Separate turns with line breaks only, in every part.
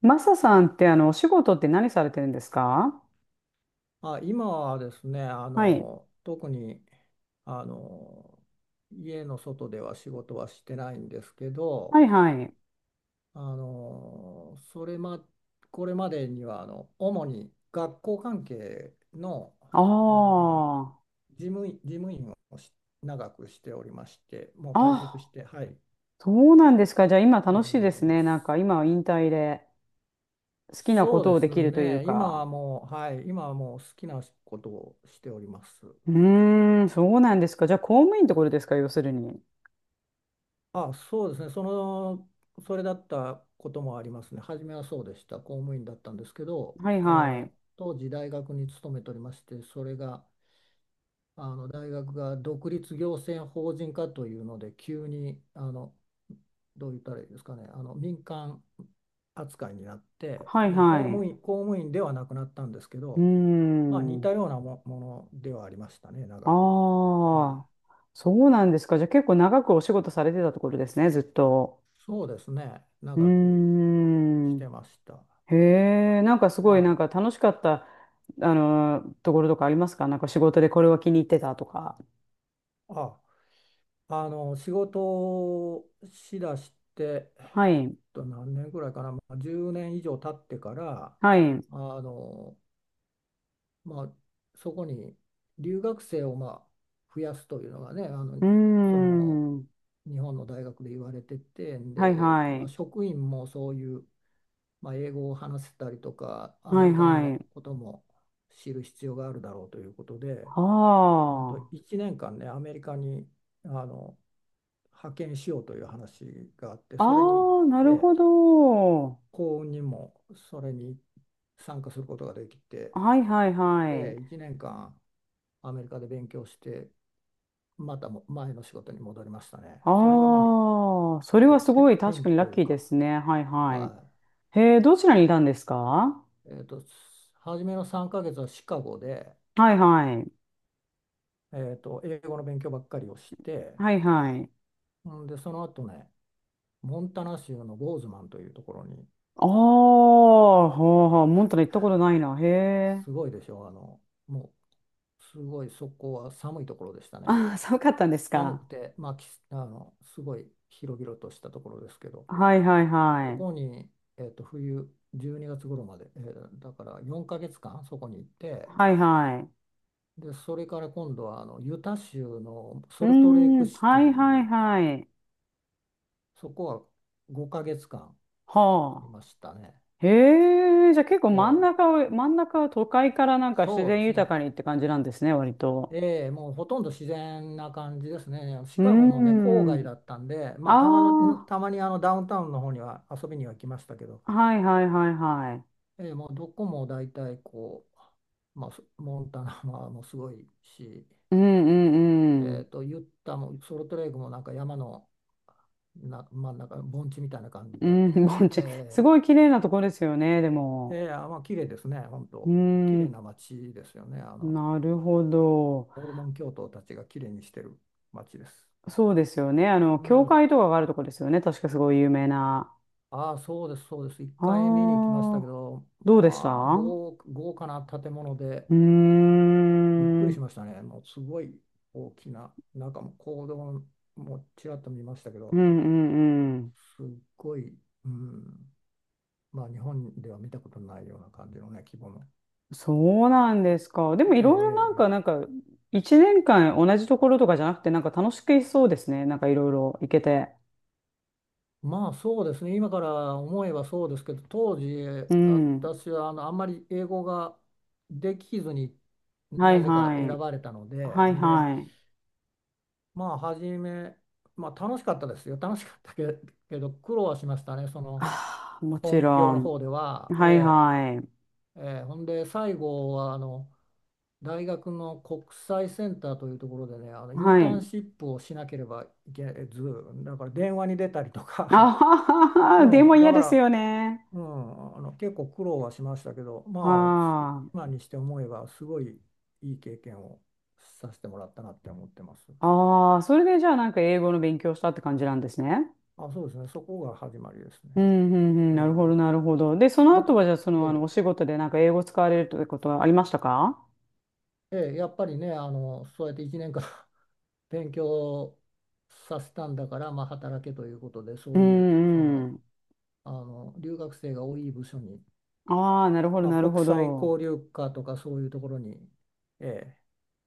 マサさんってお仕事って何されてるんですか？
あ、今はですね、
はい。
特に、あの、家の外では仕事はしてないんですけ
は
ど、
いはい。
あの、それま、これまでには、主に学校関係の、
あ
あの、
あ。
事務員をし長くしておりまして、もう退職し
あ、
て、はい、
そうなんですか。じゃあ今
今
楽しい
家に
で
お
す
りま
ね。なん
す。
か今は引退で好きなこ
そう
と
で
をで
す
きるという
ね、今は
か。
もう、はい、今はもう好きなことをしております。
うーん、そうなんですか。じゃあ公務員ってことですか、要するに。
あ、そうですね。それだったこともありますね。初めはそうでした。公務員だったんですけど、
はい
そ
はい。
の当時大学に勤めておりまして、それが大学が独立行政法人化というので、急にどう言ったらいいですかね、民間扱いになって、
はい
まあ、公
はい。
務員、公務員ではなくなったんですけ
うー
ど、まあ、似た
ん。
ようなものではありましたね、長く。
あ
はい。
あ。そうなんですか。じゃあ結構長くお仕事されてたところですね、ずっと。
そうですね、
うー
長くし
ん。
てました。
へえ、なんかすごいな
は
んか
い。
楽しかった、ところとかありますか？なんか仕事でこれは気に入ってたとか。
あ、仕事をしだして、
はい。
何年ぐらいかな、まあ、10年以上経ってから、
はい。う
あの、まあ、そこに留学生を、まあ、増やすというのがね、
ー
その、
ん。
日本の大学で言われてて、
はい
で、
は
まあ、
い。
職員もそういう、まあ、英語を話せたりとか、ア
は
メ
い
リカ
は
の
い。
ことも知る必要があるだろうということで、
は
1年間ね、アメリカに、あの派遣しようという話があって、
あ。
それに、
ああ、な
え
るほ
え、
ど。
幸運にもそれに参加することができて、
はいはいは
ええ、
い。
1年間アメリカで勉強して、またも前の仕事に戻りましたね。それが、まあ、
ああ、それはすごい確
転
か
機
にラ
と
ッ
いう
キーで
か、
すね。はいはい。
はい。
へえ、どちらにいたんですか？
えーと、初めの3ヶ月はシカゴで、
はいはい。
英語の勉強ばっかりをして、
はいはい。
んで、その後ね、モンタナ州のボーズマンというところに、
ああ、はあはあ、モンタナ行ったことないな。へえ。
すごいでしょ、もすごいそこは寒いところでしたね。
ああ、寒かったんです
寒
か？
くて、まあ、きあのすごい広々としたところですけど、
はいはい
そ
はい。
こに、冬12月頃まで、だから4ヶ月間そこに行って、
はいは
で、それから今度はユタ州の
い。う
ソ
ー
ルトレイク
ん、
シテ
は
ィ
いはい
に、
はい。
そこは5ヶ月間
は
いましたね。
あ。へえ、じゃあ結構真ん
ええ
中を、真ん中は都会からなんか自
そうで
然
す
豊
ね。
かにって感じなんですね、割と。
ええ、もうほとんど自然な感じですね。シ
うー
カゴもね、郊外
ん。
だったんで、まあ、たまの、
あ
たまにダウンタウンの方には遊びには来ましたけど、
あ、はいはいはいはい。
ええ、もうどこも大体こう、まあ、モンタナももうすごいし、
うんうんうん。
ユッタもソルトレイクもなんか山の真ん中、盆地みたいな感じ
う
で、
ん、盆地。す
え
ごい綺麗なとこですよね、で
え、
も。
ええ、あ、まあ、綺麗ですね、本
うー
当。綺麗
ん、
な街ですよね。
なるほど。
ホルモン教徒たちが綺麗にしてる街です。
そうですよね。
う
教
ん。
会とかがあるとこですよね。確かすごい有名な。
ああ、そうです、そうです。一回見
あ
に行きましたけ
あ、
ど、
どうでした？
まあ、
う
豪華な建物で
ーん、
びっく
う
りし
ん
ましたね。もうすごい大きな、中もう講堂もちらっと見ましたけ
う
ど、
んうん。
すっごい、うん、まあ、日本では見たことないような感じのね、規模の。
そうなんですか。で
え
もいろいろなんか、
え、え
なん
え
か、一年間同じところとかじゃなくて、なんか楽しくいそうですね。なんかいろいろ行けて。
まあそうですね、今から思えばそうですけど、当時、
うん。
私はあんまり英語ができずに
は
な
い
ぜか
は
選
い。
ばれたので、
はい
で、
はい。
まあ初め、まあ、楽しかったですよ楽しかったけ、けど苦労はしましたねその
ああ、もち
本業
ろ
の
ん。
方では、え
はいはい。
えええほんで最後はあの大学の国際センターというところでね、イン
は
ター
い。
ンシップをしなければいけず、だから電話に出たりと
あ
か、
はは、でも
うん、だ
嫌
か
です
ら、
よね。
うん、結構苦労はしましたけど
は
まあ今
あ。
にして思えばすごいいい経験をさせてもらったなって思ってます。
ああ、それでじゃあなんか英語の勉強したって感じなんですね。
あ、そうですね。そこが始まりですね。
うん、うん、うん、
え
なるほ
え
ど、なるほど。で、その
もつ
後は、じゃあ、そ
え
の、
え
お仕事でなんか英語使われるということはありましたか？
ええやっぱりね、そうやって1年間 勉強させたんだから、まあ、働けということで、そ
うん、
ういう、
うん。
留学生が多い部署に、
ああ、なるほど、
まあ、
なる
国
ほ
際
ど。
交流課とかそういうところに、ええ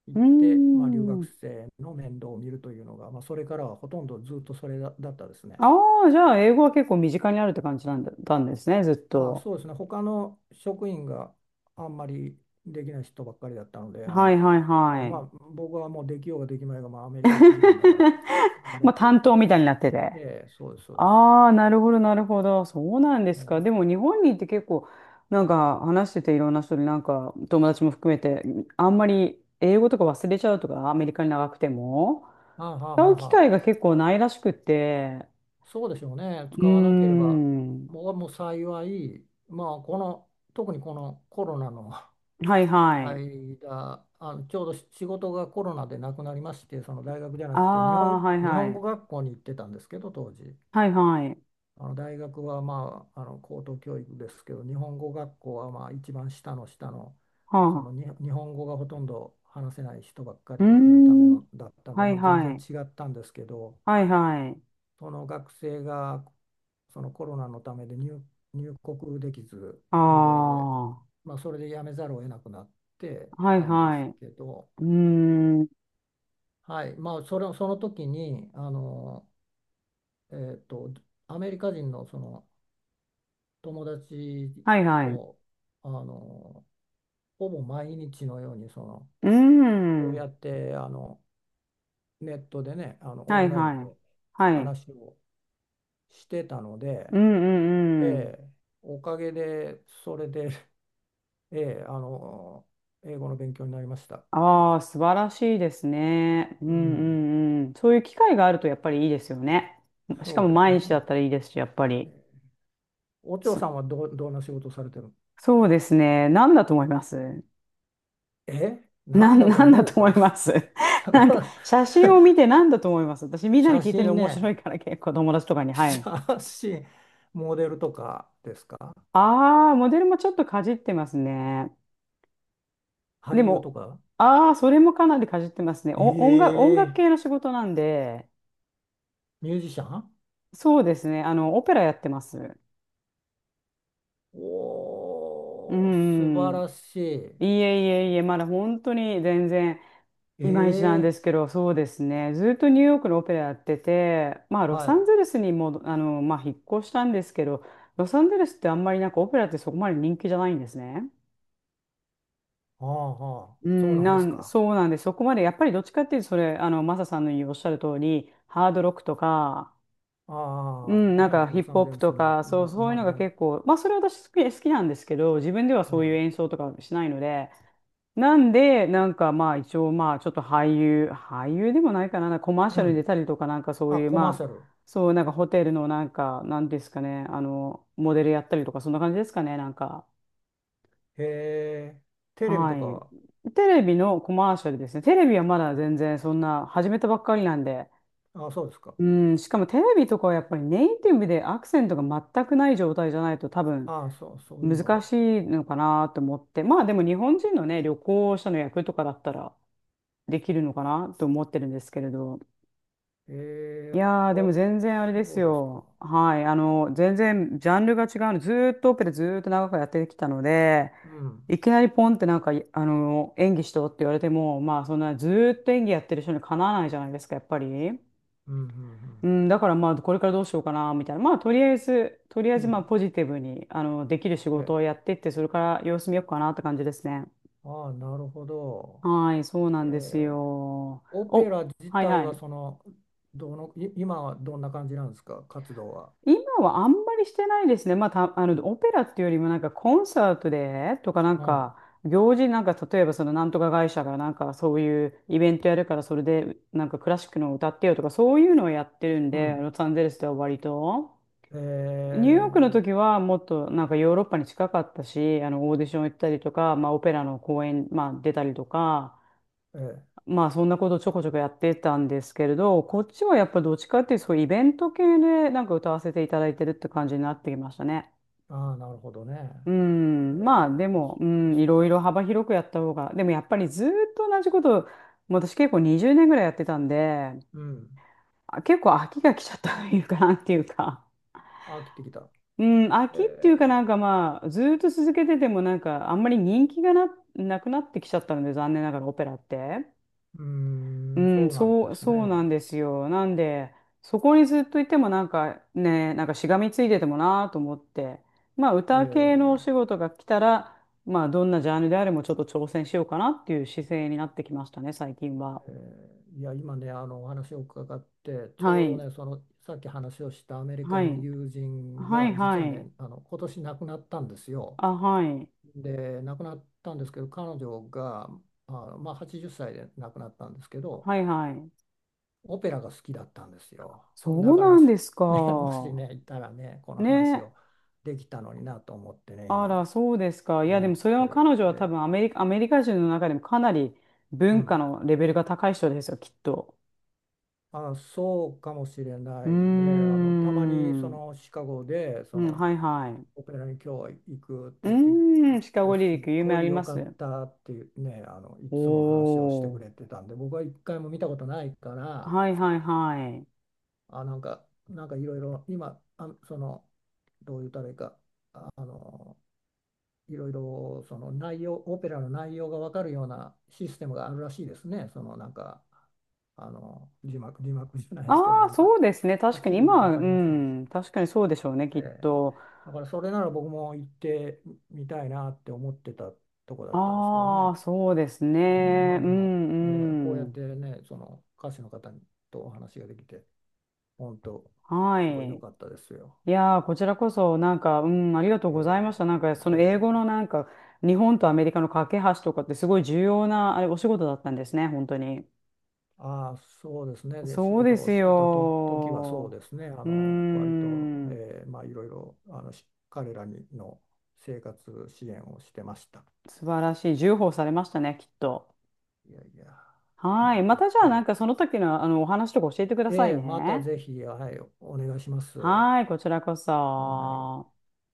行
う
っ
ー
て、まあ、留学
ん。
生の面倒を見るというのが、まあ、それからはほとんどずっとそれだったですね。
ああ、じゃあ、英語は結構身近にあるって感じなんだ、たんですね、ずっ
あ、
と。
そうですね。他の職員があんまりできない人ばっかりだったので、
はい、はい、は
まあ、
い。
僕はもうできようができまいが、まあ、アメリカ行ってきたんだから、や
ま
れ
あ、
とい
担
う
当
か。
みたいになってて。
ええ、そうです、そうです。
ああ、なるほど、なるほど。そうなんで
え
すか。で
え、
も日本にいて結構、なんか話してていろんな人になんか友達も含めて、あんまり英語とか忘れちゃうとか、アメリカに長くても、
ああ、はあ、
使
はあ
う機
は
会
あ、
が結構ないらしくって、
そうでしょうね。
うー
使わなければ、
ん、
僕はもう幸い、まあ、この、特にこのコロナの
はい はい。
間、ちょうど仕事がコロナでなくなりまして、その大学じゃな
あ
くて、日
あ、
本、
はい
日本
は
語
い。
学校に行ってたんですけど、当時。
はいはい。
あの大学は、まあ、高等教育ですけど、日本語学校はまあ一番下の下の、
は
そのに
あ。
日本語がほとんど話せない人ばっか
うー
りのため
ん、
のだったんで、
は
ま
い
あ、全
は
然
い。
違ったんですけど、
はいはい。
その学生がそのコロナのためで入国できず
あ
で、
あ、
まあ、それで辞めざるを得なくなって
はい
たんで
は
す
い。
けど、
うーん、
はいまあ、その時にえっと、アメリカ人の、その友達
はいはい。う
とあのほぼ毎日のように
ー
こうや
ん。
ってネットでね、オ
はい
ンライ
は
ン
い。
で
はい。
話をしてたので、
うん
え
うんうん。
え、おかげでそれで、ええ、英語の勉強になりました。
ああ、素晴らしいですね。うん
う
う
ん、
んうん。そういう機会があるとやっぱりいいですよね。しか
そ
も
うです
毎日だ
ね。
ったらいいですし、やっぱ
え
り。
えお嬢
そ、
さんはどんな仕事をされてるの？
そうですね。何だと思います？
え、な
な
ん
ん、
だと
なんだ
思
と
う
思い
か？
ます？ なんか、写真を見て何だと思います？私、みんなに
写
聞いてる
真
面白
ね。
いか ら結構友達とか に。はい。
写真、モデルとかですか？
ああ、モデルもちょっとかじってますね。
俳
で
優と
も、
か？
ああ、それもかなりかじってますね。お、音楽、音楽
ええ、
系の仕事なんで、
ミュージシャン？
そうですね。オペラやってます。う
おー、素晴
ん。
らしい。
いえいえいえ、まだ本当に全然いまいちなんで
ええ
すけど、そうですね。ずっとニューヨークのオペラやってて、まあ、ロ
は
サ
い。
ンゼルスにも、あの、まあ、引っ越したんですけど、ロサンゼルスってあんまりなんかオペラってそこまで人気じゃないんですね。
ああ、はあ、
う
そう
ん、
なんで
な
す
ん、
か。
そうなんで、そこまで、やっぱりどっちかっていうと、それ、あの、マサさんの言うおっしゃる通り、ハードロックとか、う
ああ、
ん、なん
ね、
かヒ
ロ
ップ
サン
ホッ
ゼ
プ
ルス、
とか、そう、そういうのが結構、まあそれ私好き、好きなんですけど、自分ではそ
は
ういう演奏とかしないので、なんで、なんかまあ一応まあちょっと俳優、俳優でもないかな、なんかコマー
い。
シ
う
ャルに出
ん。
たりとかなんかそう
あ、
いう
コマーシ
ま
ャ
あ、
ル。
そうなんかホテルのなんか、なんですかね、あの、モデルやったりとかそんな感じですかね、なんか。
へえ、テレビとか
は
は？
い。テレビのコマーシャルですね。テレビはまだ全然そんな始めたばっかりなんで。
あ、そうですか。
うん、しかもテレビとかはやっぱりネイティブでアクセントが全くない状態じゃないと多分
ああ、そういうの
難
が。
しいのかなと思って、まあでも日本人のね、旅行者の役とかだったらできるのかなと思ってるんですけれど、い
ええ、
やー、で
わ、
も全然あれです
そうですか。
よ。はい、全然ジャンルが違うの、ずーっとオペラずーっと長くやってきたので、
うん、
いきなりポンってなんか、いあの、演技しろって言われても、まあそんなずーっと演技やってる人にかなわないじゃないですか、やっぱり。
うん、うん、
うん、だからまあ、これからどうしようかな、みたいな。まあ、とりあえず、とりあえ
うん。
ず
う
まあ、
ん
ポジティブに、できる仕事
え、
をやってって、それから様子見ようかなって感じですね。
ああ、なるほど。
はい、そうな
え
んです
ー
よ。
オペ
お、
ラ自
はい
体
は
は
い。
その、どの、い今はどんな感じなんですか、活動は？
今はあんまりしてないですね。まあ、た、あの、オペラっていうよりもなんかコンサートでとかなん
ああ、
か、行事なんか、例えばそのなんとか会社がなんかそういうイベントやるからそれでなんかクラシックの歌ってよとかそういうのをやってるん
う
で、
ん。
ロサンゼルスでは割と。
え
ニューヨークの
ー
時はもっとなんかヨーロッパに近かったし、あのオーディション行ったりとか、まあオペラの公演、まあ出たりとか、
えー
まあそんなことちょこちょこやってたんですけれど、こっちはやっぱどっちかっていうとそういうイベント系でなんか歌わせていただいてるって感じになってきましたね。
ああ、なるほどね。
う
え
ん、まあで
ー
も、う
そうで
ん、
す
い
か。
ろいろ幅広くやった方が、でもやっぱりずーっと同じことを、もう私結構20年ぐらいやってたんで、
うん。
あ結構飽きが来ちゃったというか、なんていうか、
あ、切ってきた。
うん、飽きっていうかな
え
んかまあ、ずーっと続けててもなんか、あんまり人気がな、なくなってきちゃったので、残念ながらオペラって。
ーうー
う
ん、
ん、
そうなん
そ
で
う、
す
そうな
ね。
んですよ。なんで、そこにずっといてもなんかね、なんかしがみついててもなと思って、まあ、
え
歌系のお仕
ー
事が来たら、まあ、どんなジャンルであれもちょっと挑戦しようかなっていう姿勢になってきましたね、最近は。
えーいや、今ね、お話を伺って、ち
は
ょうど
い、
ね、その、さっき話をしたアメリ
は
カの
い、
友人
はい、
が、実
は
は
い。
ね、今年亡くなったんですよ。
あ、はい、
で、亡くなったんですけど、彼女が、まあ、80歳で亡くなったんですけど、
はい、はい。
オペラが好きだったんですよ。だ
そう
から、
なんです
ね、もし
か。
ね、いたらね、この話
ね。
をできたのになと思ってね、
あ
今、
ら、そうですか。いや、で
思
も
っ
それ
て
は彼
る。
女は多
で、
分アメリカ、アメリカ人の中でもかなり
う
文化
ん。
のレベルが高い人ですよ、きっと。
あ、そうかもしれ
う
な
ー
いね。たまに、
ん。
シカゴで、
うん、はいはい。
オペラに今日行くっ
う
て言って
ーん、シカ
で、
ゴリ
す
リ
っ
ック、有名
ご
あ
い
り
良
ま
かっ
す。
たっていうね、いつも話をして
お
く
ー。
れてたんで、僕は一回も見たことないから、
はいはいはい。
あ、なんかいろいろ今どう言ったらいいか、あのいろいろその内容オペラの内容が分かるようなシステムがあるらしいですね、なんか字幕じゃない
あ
ですけど、
あ、
なんか
そうですね。
は
確
っ
か
き
に
り
今は、
分
う
かりませんでし
ん、
た。
確かにそうでしょうね、きっ
ええ
と。
だからそれなら僕も行ってみたいなって思ってたとこだったんですけど
あ
ね。
あ、そうです
うん、ま
ね。
あ
う
でも、こう
ん
や
う
って
ん。
ね、その歌手の方とお話ができて、本当、
は
すごい良
い。
かったですよ。
いやー、こちらこそ、なんか、うん、ありがとうございまし
え
た。なんか、そ
ー
の英語
え
のなんか、日本とアメリカの架け橋とかってすごい重要な、あれ、お仕事だったんですね、本当に。
ー、ああ、そうですね。で、仕
そうで
事を
す
してた時はそう
よ。
ですね。
うー
割と、
ん、
まあいろいろ、彼らにの生活支援をしてました。
素晴らしい。重宝されましたね、きっと。
いやいや、
はい。ま
ま
たじゃ
あ、
あ、
は
なん
い。
かその時の、お話とか教えてくだ
え
さい
え、また
ね。
ぜひ、はい、お願いします。は
はい、こちらこ
い。
そ。